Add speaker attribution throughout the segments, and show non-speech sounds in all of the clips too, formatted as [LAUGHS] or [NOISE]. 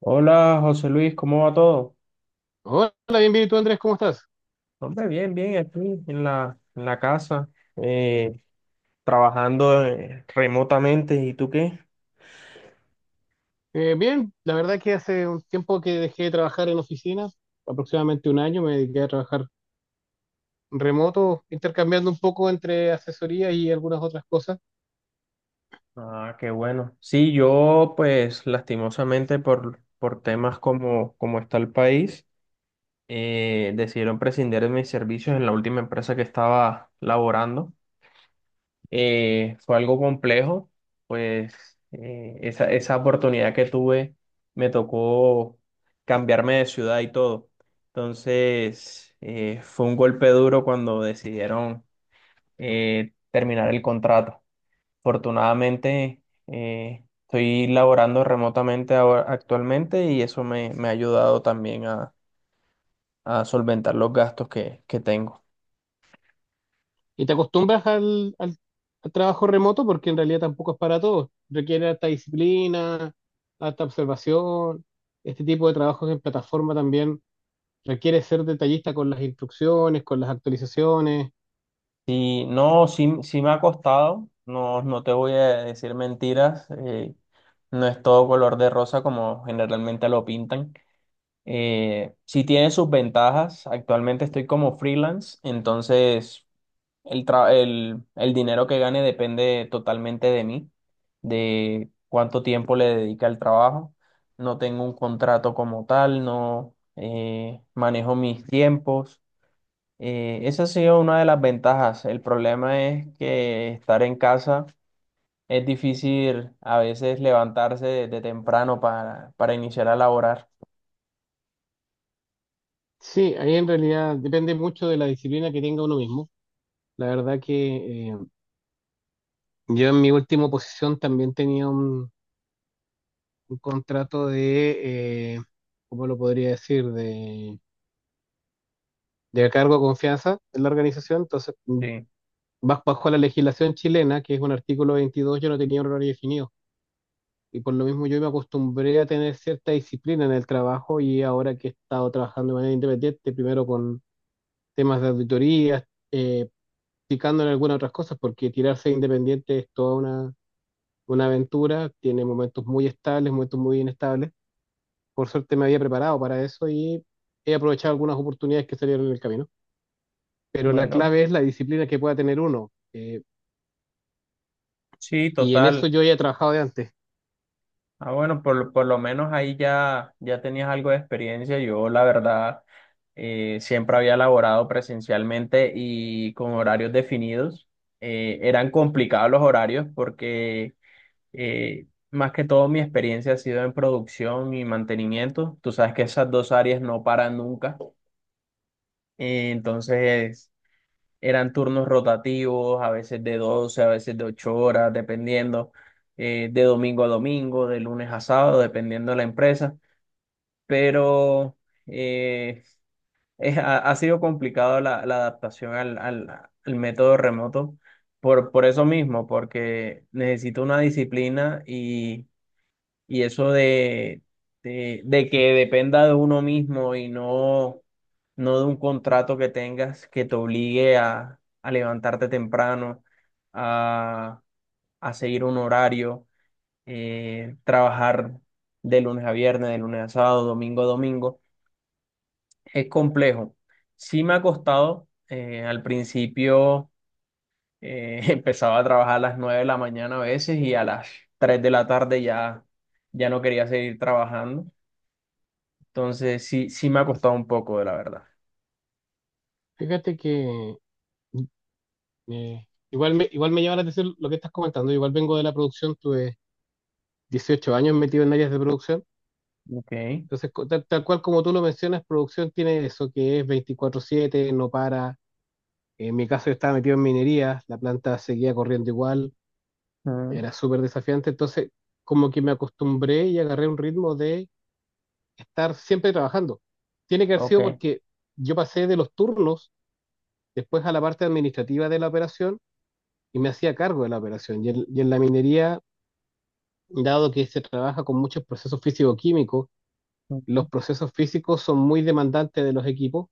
Speaker 1: Hola José Luis, ¿cómo va todo?
Speaker 2: Hola, ¿bienvenido tú, Andrés? ¿Cómo estás?
Speaker 1: Hombre, bien, bien, aquí en la casa, eh, trabajando remotamente. ¿Y tú qué?
Speaker 2: Bien, la verdad que hace un tiempo que dejé de trabajar en oficinas, aproximadamente un año, me dediqué a trabajar remoto, intercambiando un poco entre asesoría y algunas otras cosas.
Speaker 1: Ah, qué bueno. Sí, yo pues lastimosamente por temas como está el país, decidieron prescindir de mis servicios en la última empresa que estaba laborando. Fue algo complejo, pues esa oportunidad que tuve me tocó cambiarme de ciudad y todo. Entonces, fue un golpe duro cuando decidieron terminar el contrato. Afortunadamente, estoy laborando remotamente ahora, actualmente y eso me ha ayudado también a solventar los gastos que tengo.
Speaker 2: Y te acostumbras al trabajo remoto porque en realidad tampoco es para todos. Requiere alta disciplina, alta observación. Este tipo de trabajos en plataforma también requiere ser detallista con las instrucciones, con las actualizaciones.
Speaker 1: Sí, no, sí, sí me ha costado, no, no te voy a decir mentiras, no es todo color de rosa como generalmente lo pintan. Sí tiene sus ventajas, actualmente estoy como freelance, entonces el dinero que gane depende totalmente de mí, de cuánto tiempo le dedica al trabajo. No tengo un contrato como tal, no manejo mis tiempos. Esa ha sido una de las ventajas. El problema es que estar en casa es difícil a veces levantarse de temprano para iniciar a laborar.
Speaker 2: Sí, ahí en realidad depende mucho de la disciplina que tenga uno mismo. La verdad que yo en mi última posición también tenía un contrato de, ¿cómo lo podría decir? De cargo de confianza en la organización. Entonces,
Speaker 1: Sí,
Speaker 2: bajo la legislación chilena, que es un artículo 22, yo no tenía un horario definido. Y por lo mismo yo me acostumbré a tener cierta disciplina en el trabajo y ahora que he estado trabajando de manera independiente, primero con temas de auditorías, eh, picando en algunas otras cosas, porque tirarse independiente es toda una aventura, tiene momentos muy estables, momentos muy inestables. Por suerte me había preparado para eso y he aprovechado algunas oportunidades que salieron en el camino. Pero la
Speaker 1: bueno,
Speaker 2: clave es la disciplina que pueda tener uno. eh,
Speaker 1: sí,
Speaker 2: y en eso
Speaker 1: total.
Speaker 2: yo ya he trabajado de antes.
Speaker 1: Ah, bueno, por lo menos ahí ya tenías algo de experiencia. Yo, la verdad, siempre había laborado presencialmente y con horarios definidos. Eran complicados los horarios porque más que todo, mi experiencia ha sido en producción y mantenimiento. Tú sabes que esas dos áreas no paran nunca. Entonces, eran turnos rotativos, a veces de 12 a veces de 8 horas, dependiendo, de domingo a domingo, de lunes a sábado, dependiendo de la empresa. Pero eh, [LAUGHS] ha sido complicado la adaptación al método remoto por eso mismo, porque necesito una disciplina y eso de que dependa de uno mismo y no de un contrato que tengas que te obligue a levantarte temprano, a, a seguir un horario, trabajar de lunes a viernes, de lunes a sábado, domingo a domingo, es complejo. Sí me ha costado, al principio [LAUGHS] empezaba a trabajar a las 9 de la mañana a veces y a las 3 de la tarde ya, ya no quería seguir trabajando. Entonces, sí, sí me ha costado un poco, de la verdad.
Speaker 2: Fíjate que igual me llama la atención lo que estás comentando. Igual vengo de la producción, tuve 18 años metido en áreas de producción.
Speaker 1: Ok.
Speaker 2: Entonces, tal cual como tú lo mencionas, producción tiene eso que es 24/7 no para. En mi caso yo estaba metido en minería, la planta seguía corriendo igual.
Speaker 1: Mm.
Speaker 2: Era súper desafiante, entonces como que me acostumbré y agarré un ritmo de estar siempre trabajando. Tiene que haber sido
Speaker 1: Ok.
Speaker 2: porque yo pasé de los turnos después a la parte administrativa de la operación y me hacía cargo de la operación. Y en la minería, dado que se trabaja con muchos procesos físico-químicos, los
Speaker 1: Mm.
Speaker 2: procesos físicos son muy demandantes de los equipos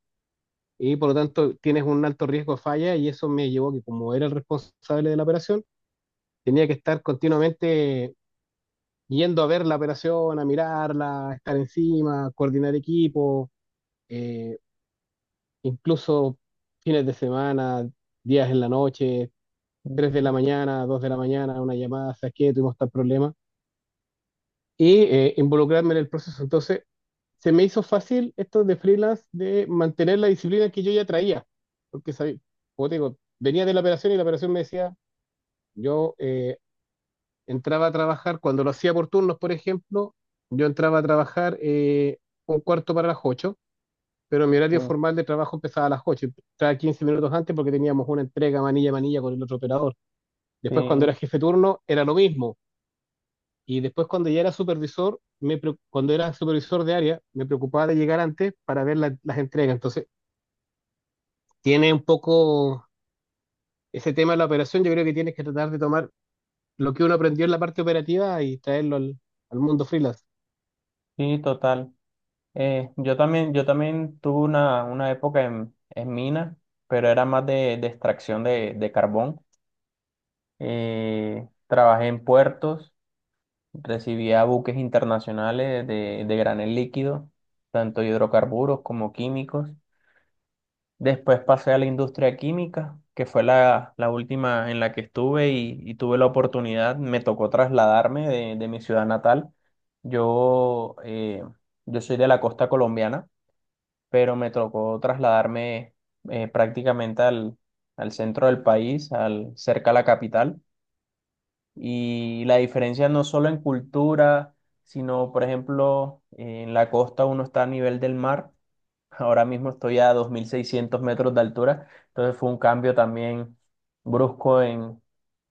Speaker 2: y por lo tanto tienes un alto riesgo de falla y eso me llevó a que como era el responsable de la operación, tenía que estar continuamente yendo a ver la operación, a mirarla, a estar encima, coordinar equipo, eh, incluso fines de semana, días en la noche, 3 de
Speaker 1: Mm.
Speaker 2: la mañana, 2 de la mañana, una llamada, ¿sabes qué? Tuvimos tal problema, y involucrarme en el proceso. Entonces, se me hizo fácil esto de freelance, de mantener la disciplina que yo ya traía, porque sabía, como te digo, venía de la operación y la operación me decía, yo entraba a trabajar, cuando lo hacía por turnos, por ejemplo, yo entraba a trabajar un cuarto para las 8, pero mi
Speaker 1: Sí,
Speaker 2: horario formal de trabajo empezaba a las 8, entraba 15 minutos antes porque teníamos una entrega manilla a manilla con el otro operador. Después cuando
Speaker 1: sí,
Speaker 2: era jefe de turno era lo mismo. Y después cuando ya era supervisor, cuando era supervisor de área, me preocupaba de llegar antes para ver las entregas. Entonces, tiene un poco ese tema de la operación, yo creo que tienes que tratar de tomar lo que uno aprendió en la parte operativa y traerlo al mundo freelance.
Speaker 1: sí, total. Yo también, yo también tuve una época en mina, pero era más de extracción de carbón. Trabajé en puertos, recibía buques internacionales de granel líquido, tanto hidrocarburos como químicos. Después pasé a la industria química, que fue la última en la que estuve y tuve la oportunidad, me tocó trasladarme de mi ciudad natal. Yo, yo soy de la costa colombiana, pero me tocó trasladarme prácticamente al, al centro del país, al, cerca a la capital. Y la diferencia no solo en cultura, sino, por ejemplo, en la costa uno está a nivel del mar. Ahora mismo estoy a 2.600 metros de altura, entonces fue un cambio también brusco en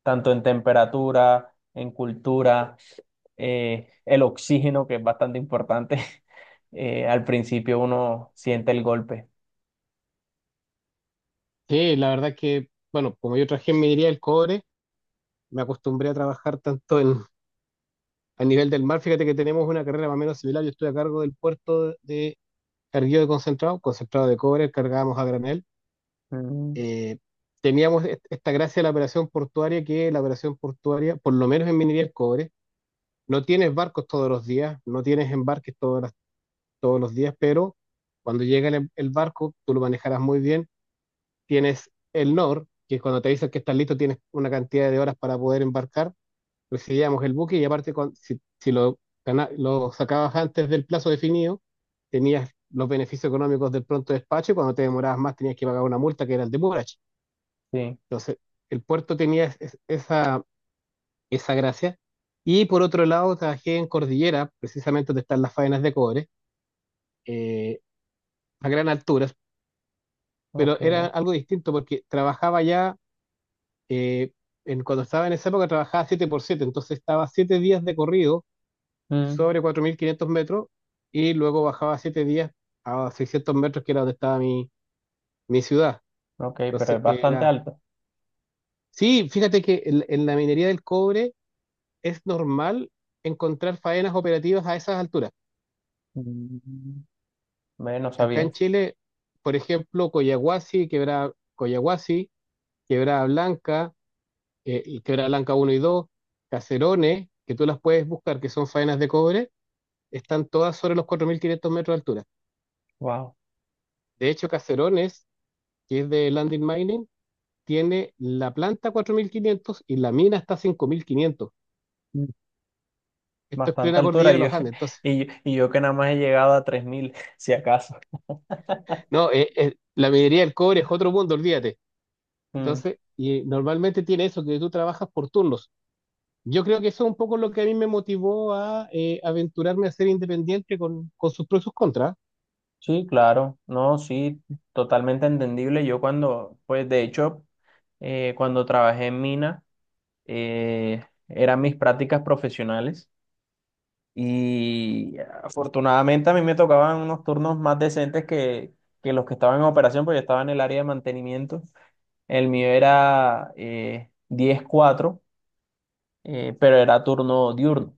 Speaker 1: tanto en temperatura, en cultura, el oxígeno, que es bastante importante. [LAUGHS] Al principio uno siente el golpe.
Speaker 2: Sí, la verdad que, bueno, como yo traje en minería el cobre, me acostumbré a trabajar tanto a nivel del mar. Fíjate que tenemos una carrera más o menos similar. Yo estoy a cargo del puerto de carguillo de concentrado, concentrado de cobre, cargábamos a granel.
Speaker 1: Mm,
Speaker 2: Eh, teníamos esta gracia de la operación portuaria, que la operación portuaria, por lo menos en minería del cobre, no tienes barcos todos los días, no tienes embarques todos los días, pero cuando llega el barco, tú lo manejarás muy bien, tienes el NOR, que cuando te dicen que estás listo tienes una cantidad de horas para poder embarcar, recibíamos el buque y aparte si lo sacabas antes del plazo definido, tenías los beneficios económicos del pronto despacho y cuando te demorabas más tenías que pagar una multa que era el demurrage.
Speaker 1: sí,
Speaker 2: Entonces, el puerto tenía esa gracia. Y por otro lado, trabajé en Cordillera, precisamente donde están las faenas de cobre, eh, a gran alturas, pero
Speaker 1: ok.
Speaker 2: era algo distinto porque trabajaba ya, eh, cuando estaba en esa época trabajaba 7 por 7, entonces estaba 7 días de corrido
Speaker 1: Mm,
Speaker 2: sobre 4.500 metros y luego bajaba 7 días a 600 metros, que era donde estaba mi ciudad.
Speaker 1: ok, pero es
Speaker 2: Entonces
Speaker 1: bastante
Speaker 2: era.
Speaker 1: alto.
Speaker 2: Sí, fíjate que en la minería del cobre es normal encontrar faenas operativas a esas alturas.
Speaker 1: Mm, ve, no
Speaker 2: Acá en
Speaker 1: sabía.
Speaker 2: Chile, por ejemplo, Collahuasi, Quebrada, Collahuasi, Quebrada Blanca, y Quebrada Blanca uno y 2, Caserones, que tú las puedes buscar, que son faenas de cobre, están todas sobre los 4.500 metros de altura.
Speaker 1: Wow.
Speaker 2: De hecho, Caserones, que es de Landing Mining, tiene la planta 4.500 y la mina está a 5.500.
Speaker 1: Mm.
Speaker 2: Esto es
Speaker 1: Bastante
Speaker 2: plena cordillera
Speaker 1: altura.
Speaker 2: de
Speaker 1: Y yo,
Speaker 2: los Andes.
Speaker 1: [LAUGHS]
Speaker 2: Entonces,
Speaker 1: y yo que nada más he llegado a 3.000, si acaso.
Speaker 2: no, la minería del cobre es otro mundo, olvídate. Entonces, y normalmente tiene eso, que tú trabajas por turnos. Yo creo que eso es un poco lo que a mí me motivó a aventurarme a ser independiente con, sus pros y sus contras.
Speaker 1: Sí, claro, no, sí, totalmente entendible. Yo cuando, pues de hecho, cuando trabajé en mina, eran mis prácticas profesionales y afortunadamente a mí me tocaban unos turnos más decentes que los que estaban en operación, porque yo estaba en el área de mantenimiento. El mío era 10-4, pero era turno diurno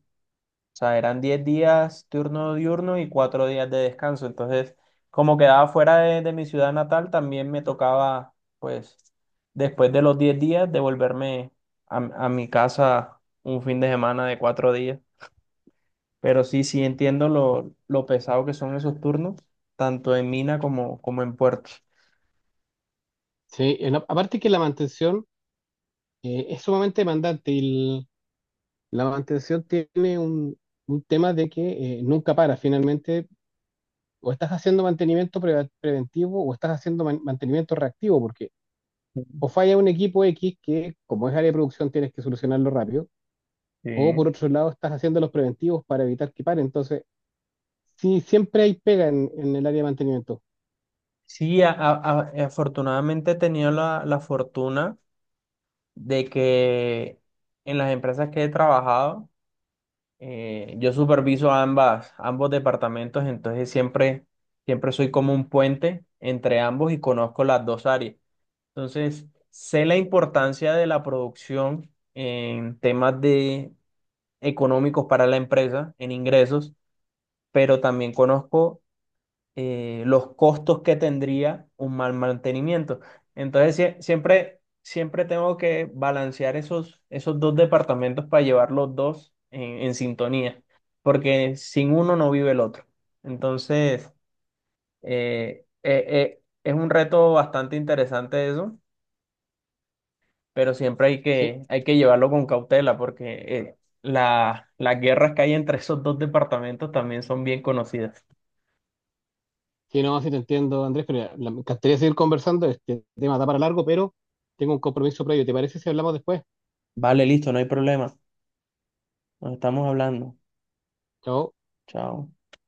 Speaker 1: sea, eran 10 días turno diurno y 4 días de descanso. Entonces, como quedaba fuera de mi ciudad natal, también me tocaba, pues, después de los 10 días, devolverme a mi casa un fin de semana de 4 días. Pero sí, sí entiendo lo pesado que son esos turnos, tanto en mina como, como en puerto.
Speaker 2: Sí, aparte que la mantención es sumamente demandante y la mantención tiene un tema de que nunca para. Finalmente, o estás haciendo mantenimiento preventivo o estás haciendo mantenimiento reactivo, porque o falla un equipo X que, como es área de producción, tienes que solucionarlo rápido, o por
Speaker 1: Sí.
Speaker 2: otro lado, estás haciendo los preventivos para evitar que pare. Entonces, sí, siempre hay pega en el área de mantenimiento.
Speaker 1: Sí, afortunadamente he tenido la fortuna de que en las empresas que he trabajado, yo superviso ambos departamentos, entonces siempre, siempre soy como un puente entre ambos y conozco las dos áreas. Entonces, sé la importancia de la producción en temas de económicos para la empresa, en ingresos, pero también conozco los costos que tendría un mal mantenimiento. Entonces, siempre, siempre tengo que balancear esos dos departamentos para llevar los dos en sintonía, porque sin uno no vive el otro. Entonces, es un reto bastante interesante eso, pero siempre hay
Speaker 2: Sí,
Speaker 1: hay que llevarlo con cautela, porque las guerras que hay entre esos dos departamentos también son bien conocidas.
Speaker 2: sí, no, sí te entiendo, Andrés, pero ya, me encantaría seguir conversando. Este tema da para largo, pero tengo un compromiso previo. ¿Te parece si hablamos después?
Speaker 1: Vale, listo, no hay problema. Nos estamos hablando.
Speaker 2: Chao.
Speaker 1: Chao.